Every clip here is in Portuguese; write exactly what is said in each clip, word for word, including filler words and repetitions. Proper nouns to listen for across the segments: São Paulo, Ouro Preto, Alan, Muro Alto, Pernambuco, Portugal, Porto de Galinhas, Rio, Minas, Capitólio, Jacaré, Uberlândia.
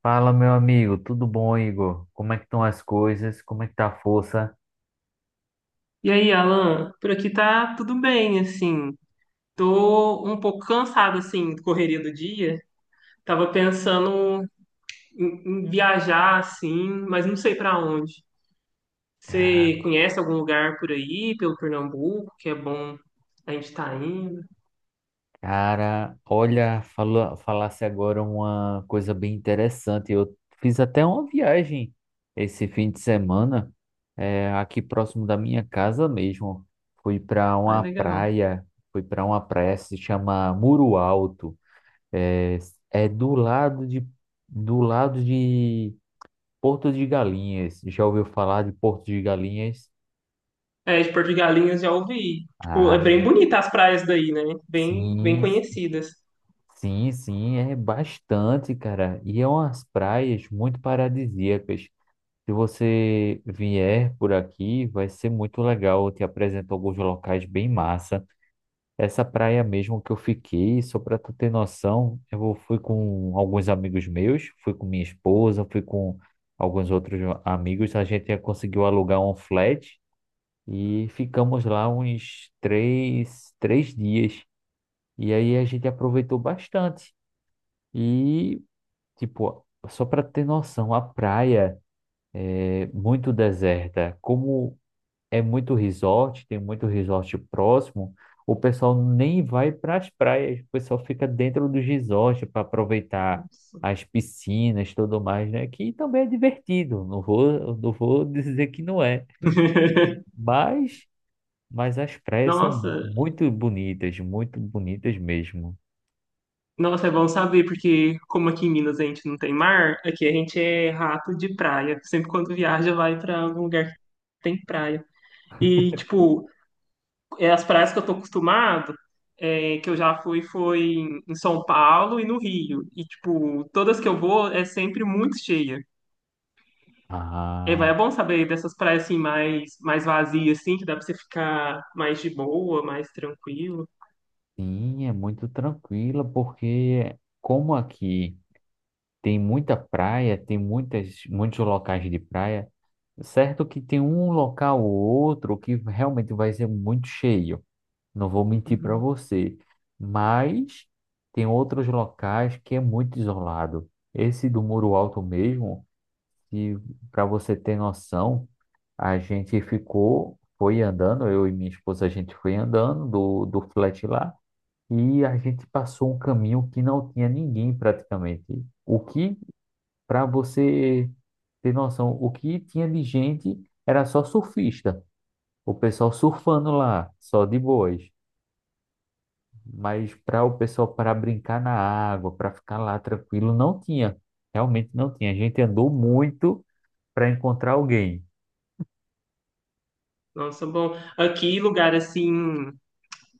Fala, meu amigo, tudo bom, Igor? Como é que estão as coisas? Como é que tá a força? E aí, Alan, por aqui tá tudo bem, assim. Tô um pouco cansado, assim, da correria do dia. Tava pensando em, em viajar, assim, mas não sei pra onde. Você conhece algum lugar por aí, pelo Pernambuco, que é bom a gente tá indo? Cara, olha, falou, falasse agora uma coisa bem interessante. Eu fiz até uma viagem esse fim de semana, é, aqui próximo da minha casa mesmo. Fui para Ai, uma legal. praia, Fui para uma praia que se chama Muro Alto. É, é do lado de, do lado de Porto de Galinhas. Já ouviu falar de Porto de Galinhas? É, de Porto de Galinhas já ouvi. Tipo, é ah bem bonita as praias daí, né? Bem, bem Sim, conhecidas. sim, sim, é bastante, cara. E é umas praias muito paradisíacas. Se você vier por aqui, vai ser muito legal. Eu te apresento alguns locais bem massa. Essa praia mesmo que eu fiquei, só para tu ter noção, eu fui com alguns amigos meus, fui com minha esposa, fui com alguns outros amigos. A gente conseguiu alugar um flat e ficamos lá uns três, três dias. E aí a gente aproveitou bastante. E, tipo, só para ter noção, a praia é muito deserta. Como é muito resort, tem muito resort próximo, o pessoal nem vai para as praias, o pessoal fica dentro dos resorts para aproveitar as piscinas, tudo mais, né? Que também é divertido, não vou, não vou dizer que não é, mas, mas as praias são Nossa, muito bonitas, muito bonitas mesmo. Nossa, é bom saber, porque como aqui em Minas a gente não tem mar, aqui a gente é rato de praia. Sempre quando viaja, vai pra algum lugar que tem praia. E, tipo, é as praias que eu tô acostumado, é, que eu já fui, foi em em São Paulo e no Rio. E, tipo, todas que eu vou é sempre muito cheia. É, Ah. vai, é bom saber dessas praias assim mais, mais vazias, assim, que dá pra você ficar mais de boa, mais tranquilo. Sim, é muito tranquila, porque como aqui tem muita praia, tem muitas, muitos locais de praia, certo que tem um local ou outro que realmente vai ser muito cheio, não vou mentir para Uhum. você, mas tem outros locais que é muito isolado. Esse do Muro Alto mesmo, e para você ter noção, a gente ficou, foi andando, eu e minha esposa, a gente foi andando do, do flat lá. E a gente passou um caminho que não tinha ninguém praticamente. O que, para você ter noção, o que tinha de gente era só surfista. O pessoal surfando lá, só de boas. Mas para o pessoal para brincar na água, para ficar lá tranquilo, não tinha. Realmente não tinha. A gente andou muito para encontrar alguém. Nossa, bom. Aqui, lugar assim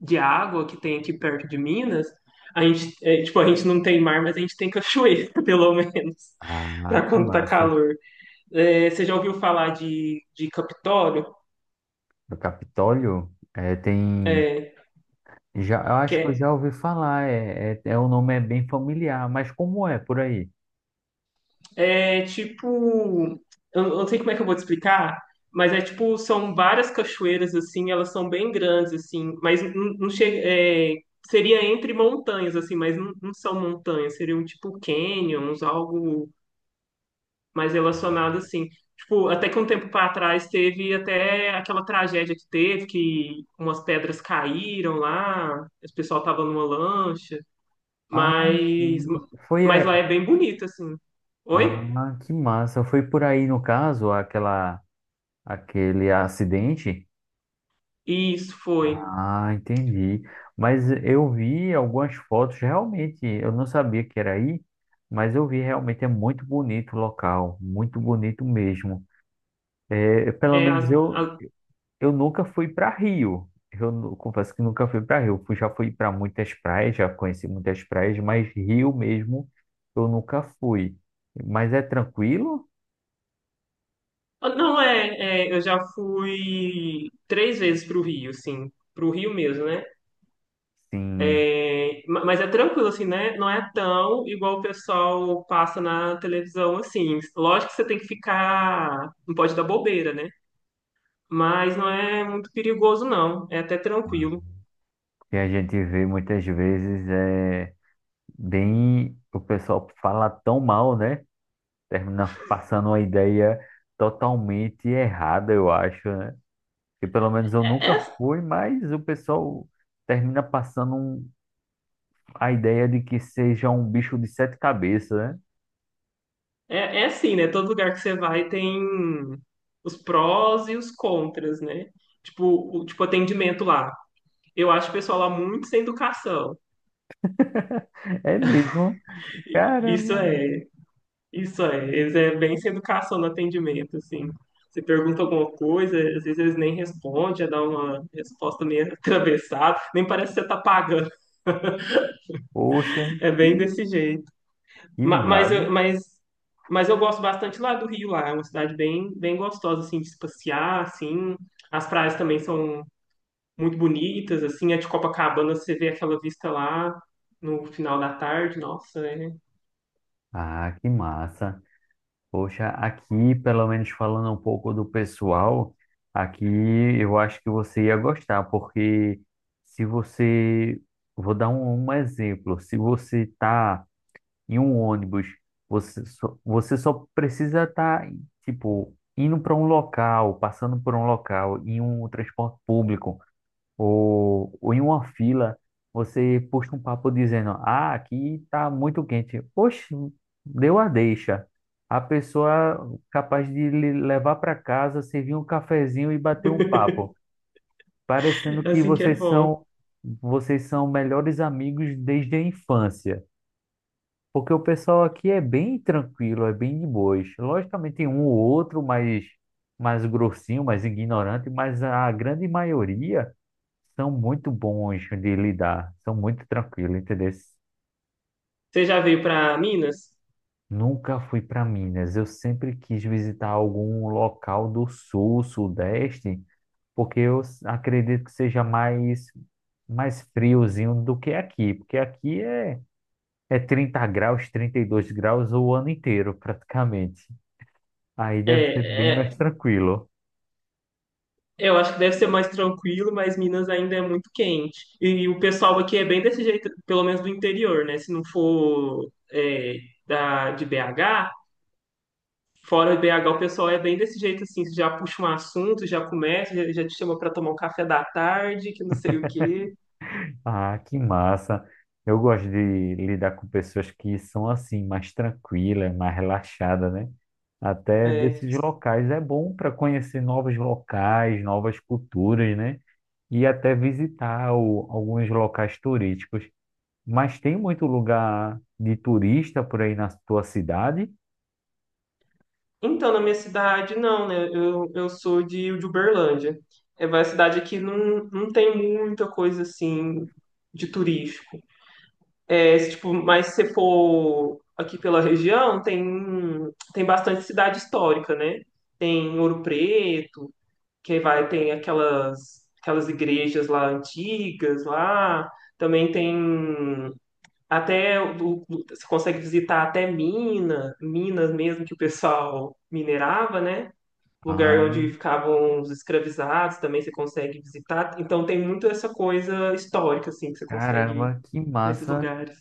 de água que tem aqui perto de Minas, a gente, é, tipo, a gente não tem mar, mas a gente tem cachoeira, pelo menos, Ah, para que quando tá massa. calor. É, você já ouviu falar de, de Capitólio? No Capitólio, é tem. É, Já, eu acho que eu que já ouvi falar, é, é, é- o nome é bem familiar, mas como é por aí? é, é tipo, eu eu não sei como é que eu vou te explicar, mas é tipo, são várias cachoeiras assim, elas são bem grandes assim, mas não, não chega, é, seria entre montanhas assim, mas não, não são montanhas, seriam tipo canyons, algo mais relacionado, assim. Tipo, até que um tempo para trás teve até aquela tragédia que teve, que umas pedras caíram lá, o pessoal tava numa lancha, Ah, mas, sim, foi mas aí. lá é bem bonito, assim. Oi? Ah, que massa. Foi por aí no caso, aquela, aquele acidente? Isso foi. Ah, entendi. Mas eu vi algumas fotos, realmente, eu não sabia que era aí, mas eu vi realmente é muito bonito o local, muito bonito mesmo. É, pelo É, as- menos eu, as- Eu nunca fui para Rio. Eu nu- confesso que nunca fui para Rio. Fui- já fui para muitas praias, já conheci muitas praias, mas Rio mesmo eu nunca fui. Mas é tranquilo? ah, não, é, é, eu já fui três vezes pro Rio, assim, pro Rio mesmo, né? Sim, É, ma- mas é tranquilo, assim, né? Não é tão igual o pessoal passa na televisão, assim. Lógico que você tem que ficar. Não pode dar bobeira, né? Mas não é muito perigoso, não. É até tranquilo. que a gente vê muitas vezes é bem o pessoal fala tão mal, né? Termina passando uma ideia totalmente errada, eu acho, né? Que pelo menos eu É, nunca é, fui, mas o pessoal termina passando um- a ideia de que seja um bicho de sete cabeças, né? é é assim, né? Todo lugar que você vai tem os prós e os contras, né? Tipo, o tipo atendimento lá. Eu acho o pessoal lá muito sem educação. É mesmo? Isso Caramba! é. Isso é, eles é bem sem educação no atendimento, assim. Você pergunta alguma coisa, às vezes eles nem respondem, já dá uma resposta meio atravessada, nem parece que você tá pagando. Poxa, É que, bem desse jeito. que Ma- Mas, eu- mago! mas, mas eu gosto bastante lá do Rio, lá. É uma cidade bem, bem gostosa, assim, de se passear, assim. As praias também são muito bonitas, assim. A de Copacabana, você vê aquela vista lá no final da tarde, nossa, é Ah, que massa! Poxa, aqui, pelo menos falando um pouco do pessoal, aqui eu acho que você ia gostar, porque se você. Vou dar um, um exemplo. Se você está em um ônibus, você só, você só precisa estar, tá, tipo, indo para um local, passando por um local, em um transporte público, ou, ou em uma fila, você puxa um papo dizendo: "Ah, aqui tá muito quente." Poxa, deu a deixa. A pessoa capaz de lhe levar para casa, servir um cafezinho e bater um papo, parecendo que assim que é vocês bom. são vocês são melhores amigos desde a infância. Porque o pessoal aqui é bem tranquilo, é bem de boas. Logicamente tem um ou outro mais, mais grossinho, mais ignorante, mas a grande maioria são muito bons de lidar, são muito tranquilos, entendeu? Você já veio para Minas? Nunca fui para Minas, eu sempre quis visitar algum local do sul, sudeste, porque eu s- acredito que seja mais, mais friozinho do que aqui, porque aqui é, é trinta graus, trinta e dois graus o ano inteiro, praticamente. Aí deve ser É, bem mais é, tranquilo. Eu acho que deve ser mais tranquilo, mas Minas ainda é muito quente. E o pessoal aqui é bem desse jeito, pelo menos do interior, né? Se não for é, da, de B H, fora de B H o pessoal é bem desse jeito assim, já puxa um assunto, já começa, já, já te chama para tomar um café da tarde, que não sei o quê. Ah, que massa. Eu gosto de lidar com pessoas que são assim, mais tranquilas, mais relaxadas, né? Até É. desses locais é bom para conhecer novos locais, novas culturas, né? E até visitar o- alguns locais turísticos. Mas tem muito lugar de turista por aí na tua cidade? Então, na minha cidade, não, né? Eu, eu sou de, de Uberlândia. É uma cidade que não, não tem muita coisa assim de turístico. É, se, tipo, mas se você for aqui pela região, tem, tem bastante cidade histórica, né? Tem Ouro Preto, que vai, tem aquelas, aquelas igrejas lá antigas lá. Também tem até o- o- você consegue visitar até Minas, Minas mesmo que o pessoal minerava, né? Lugar Ah, onde ficavam os escravizados, também você consegue visitar. Então tem muito essa coisa histórica assim que você consegue ir caramba, que nesses massa. lugares.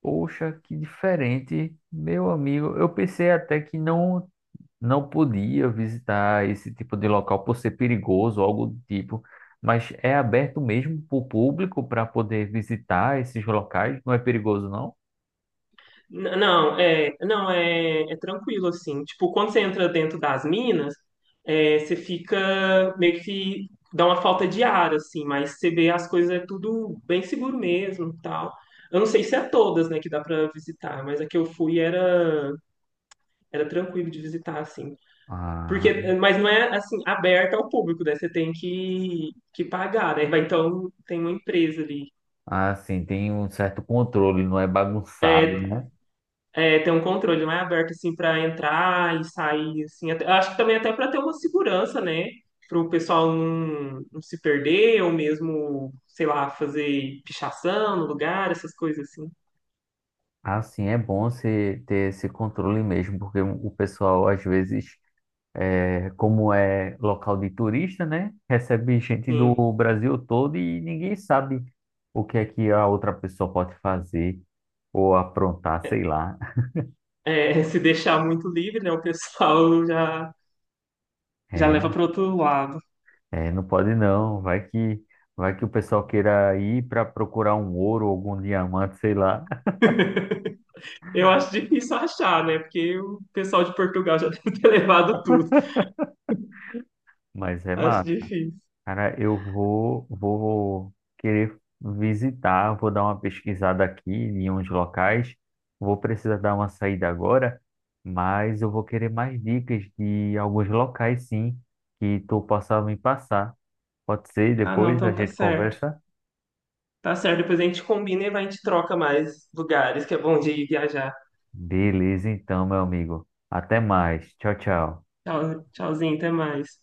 Poxa, que diferente. Meu amigo, eu pensei até que não não podia visitar esse tipo de local por ser perigoso, algo do tipo, mas é aberto mesmo para o público para poder visitar esses locais? Não é perigoso, não? N- Não, é, não é, é tranquilo assim. Tipo, quando você entra dentro das minas, é, você fica meio que dá uma falta de ar assim, mas você vê as coisas é tudo bem seguro mesmo, e tal. Eu não sei se é todas, né, que dá pra visitar, mas a que eu fui era era tranquilo de visitar assim. Ah, Porque, mas não é assim aberta ao público, né? Você tem que que pagar, né? Vai, então tem uma empresa ali. ah, sim, tem um certo controle, não é bagunçado, É, né? é, ter um controle mais aberto assim para entrar e sair assim. Até- acho que também até para ter uma segurança, né? Para o pessoal não, não se perder ou mesmo, sei lá, fazer pichação no lugar, essas coisas assim. Ah, sim, é bom você ter esse controle mesmo, porque o pessoal às vezes é, como é local de turista, né? Recebe gente Sim. do Brasil todo e ninguém sabe o que é que a outra pessoa pode fazer ou aprontar, sei lá. É, se deixar muito livre, né? O pessoal já já leva É, para outro lado. é, não pode não. Vai que vai que o pessoal queira ir para procurar um ouro, algum diamante, sei lá. Eu acho difícil achar, né? Porque o pessoal de Portugal já deve ter levado tudo. Mas é Acho massa. difícil. Cara, eu vou, vou querer visitar, vou dar uma pesquisada aqui em uns locais. Vou precisar dar uma saída agora, mas eu vou querer mais dicas de alguns locais, sim, que tu possa me passar. Pode ser, Ah, não, depois a então tá gente certo. conversa? Tá certo, depois a gente combina e vai, a gente troca mais lugares, que é bom de ir viajar. Beleza, então, meu amigo. Até mais. Tchau, tchau. Tchau, tchauzinho, até mais.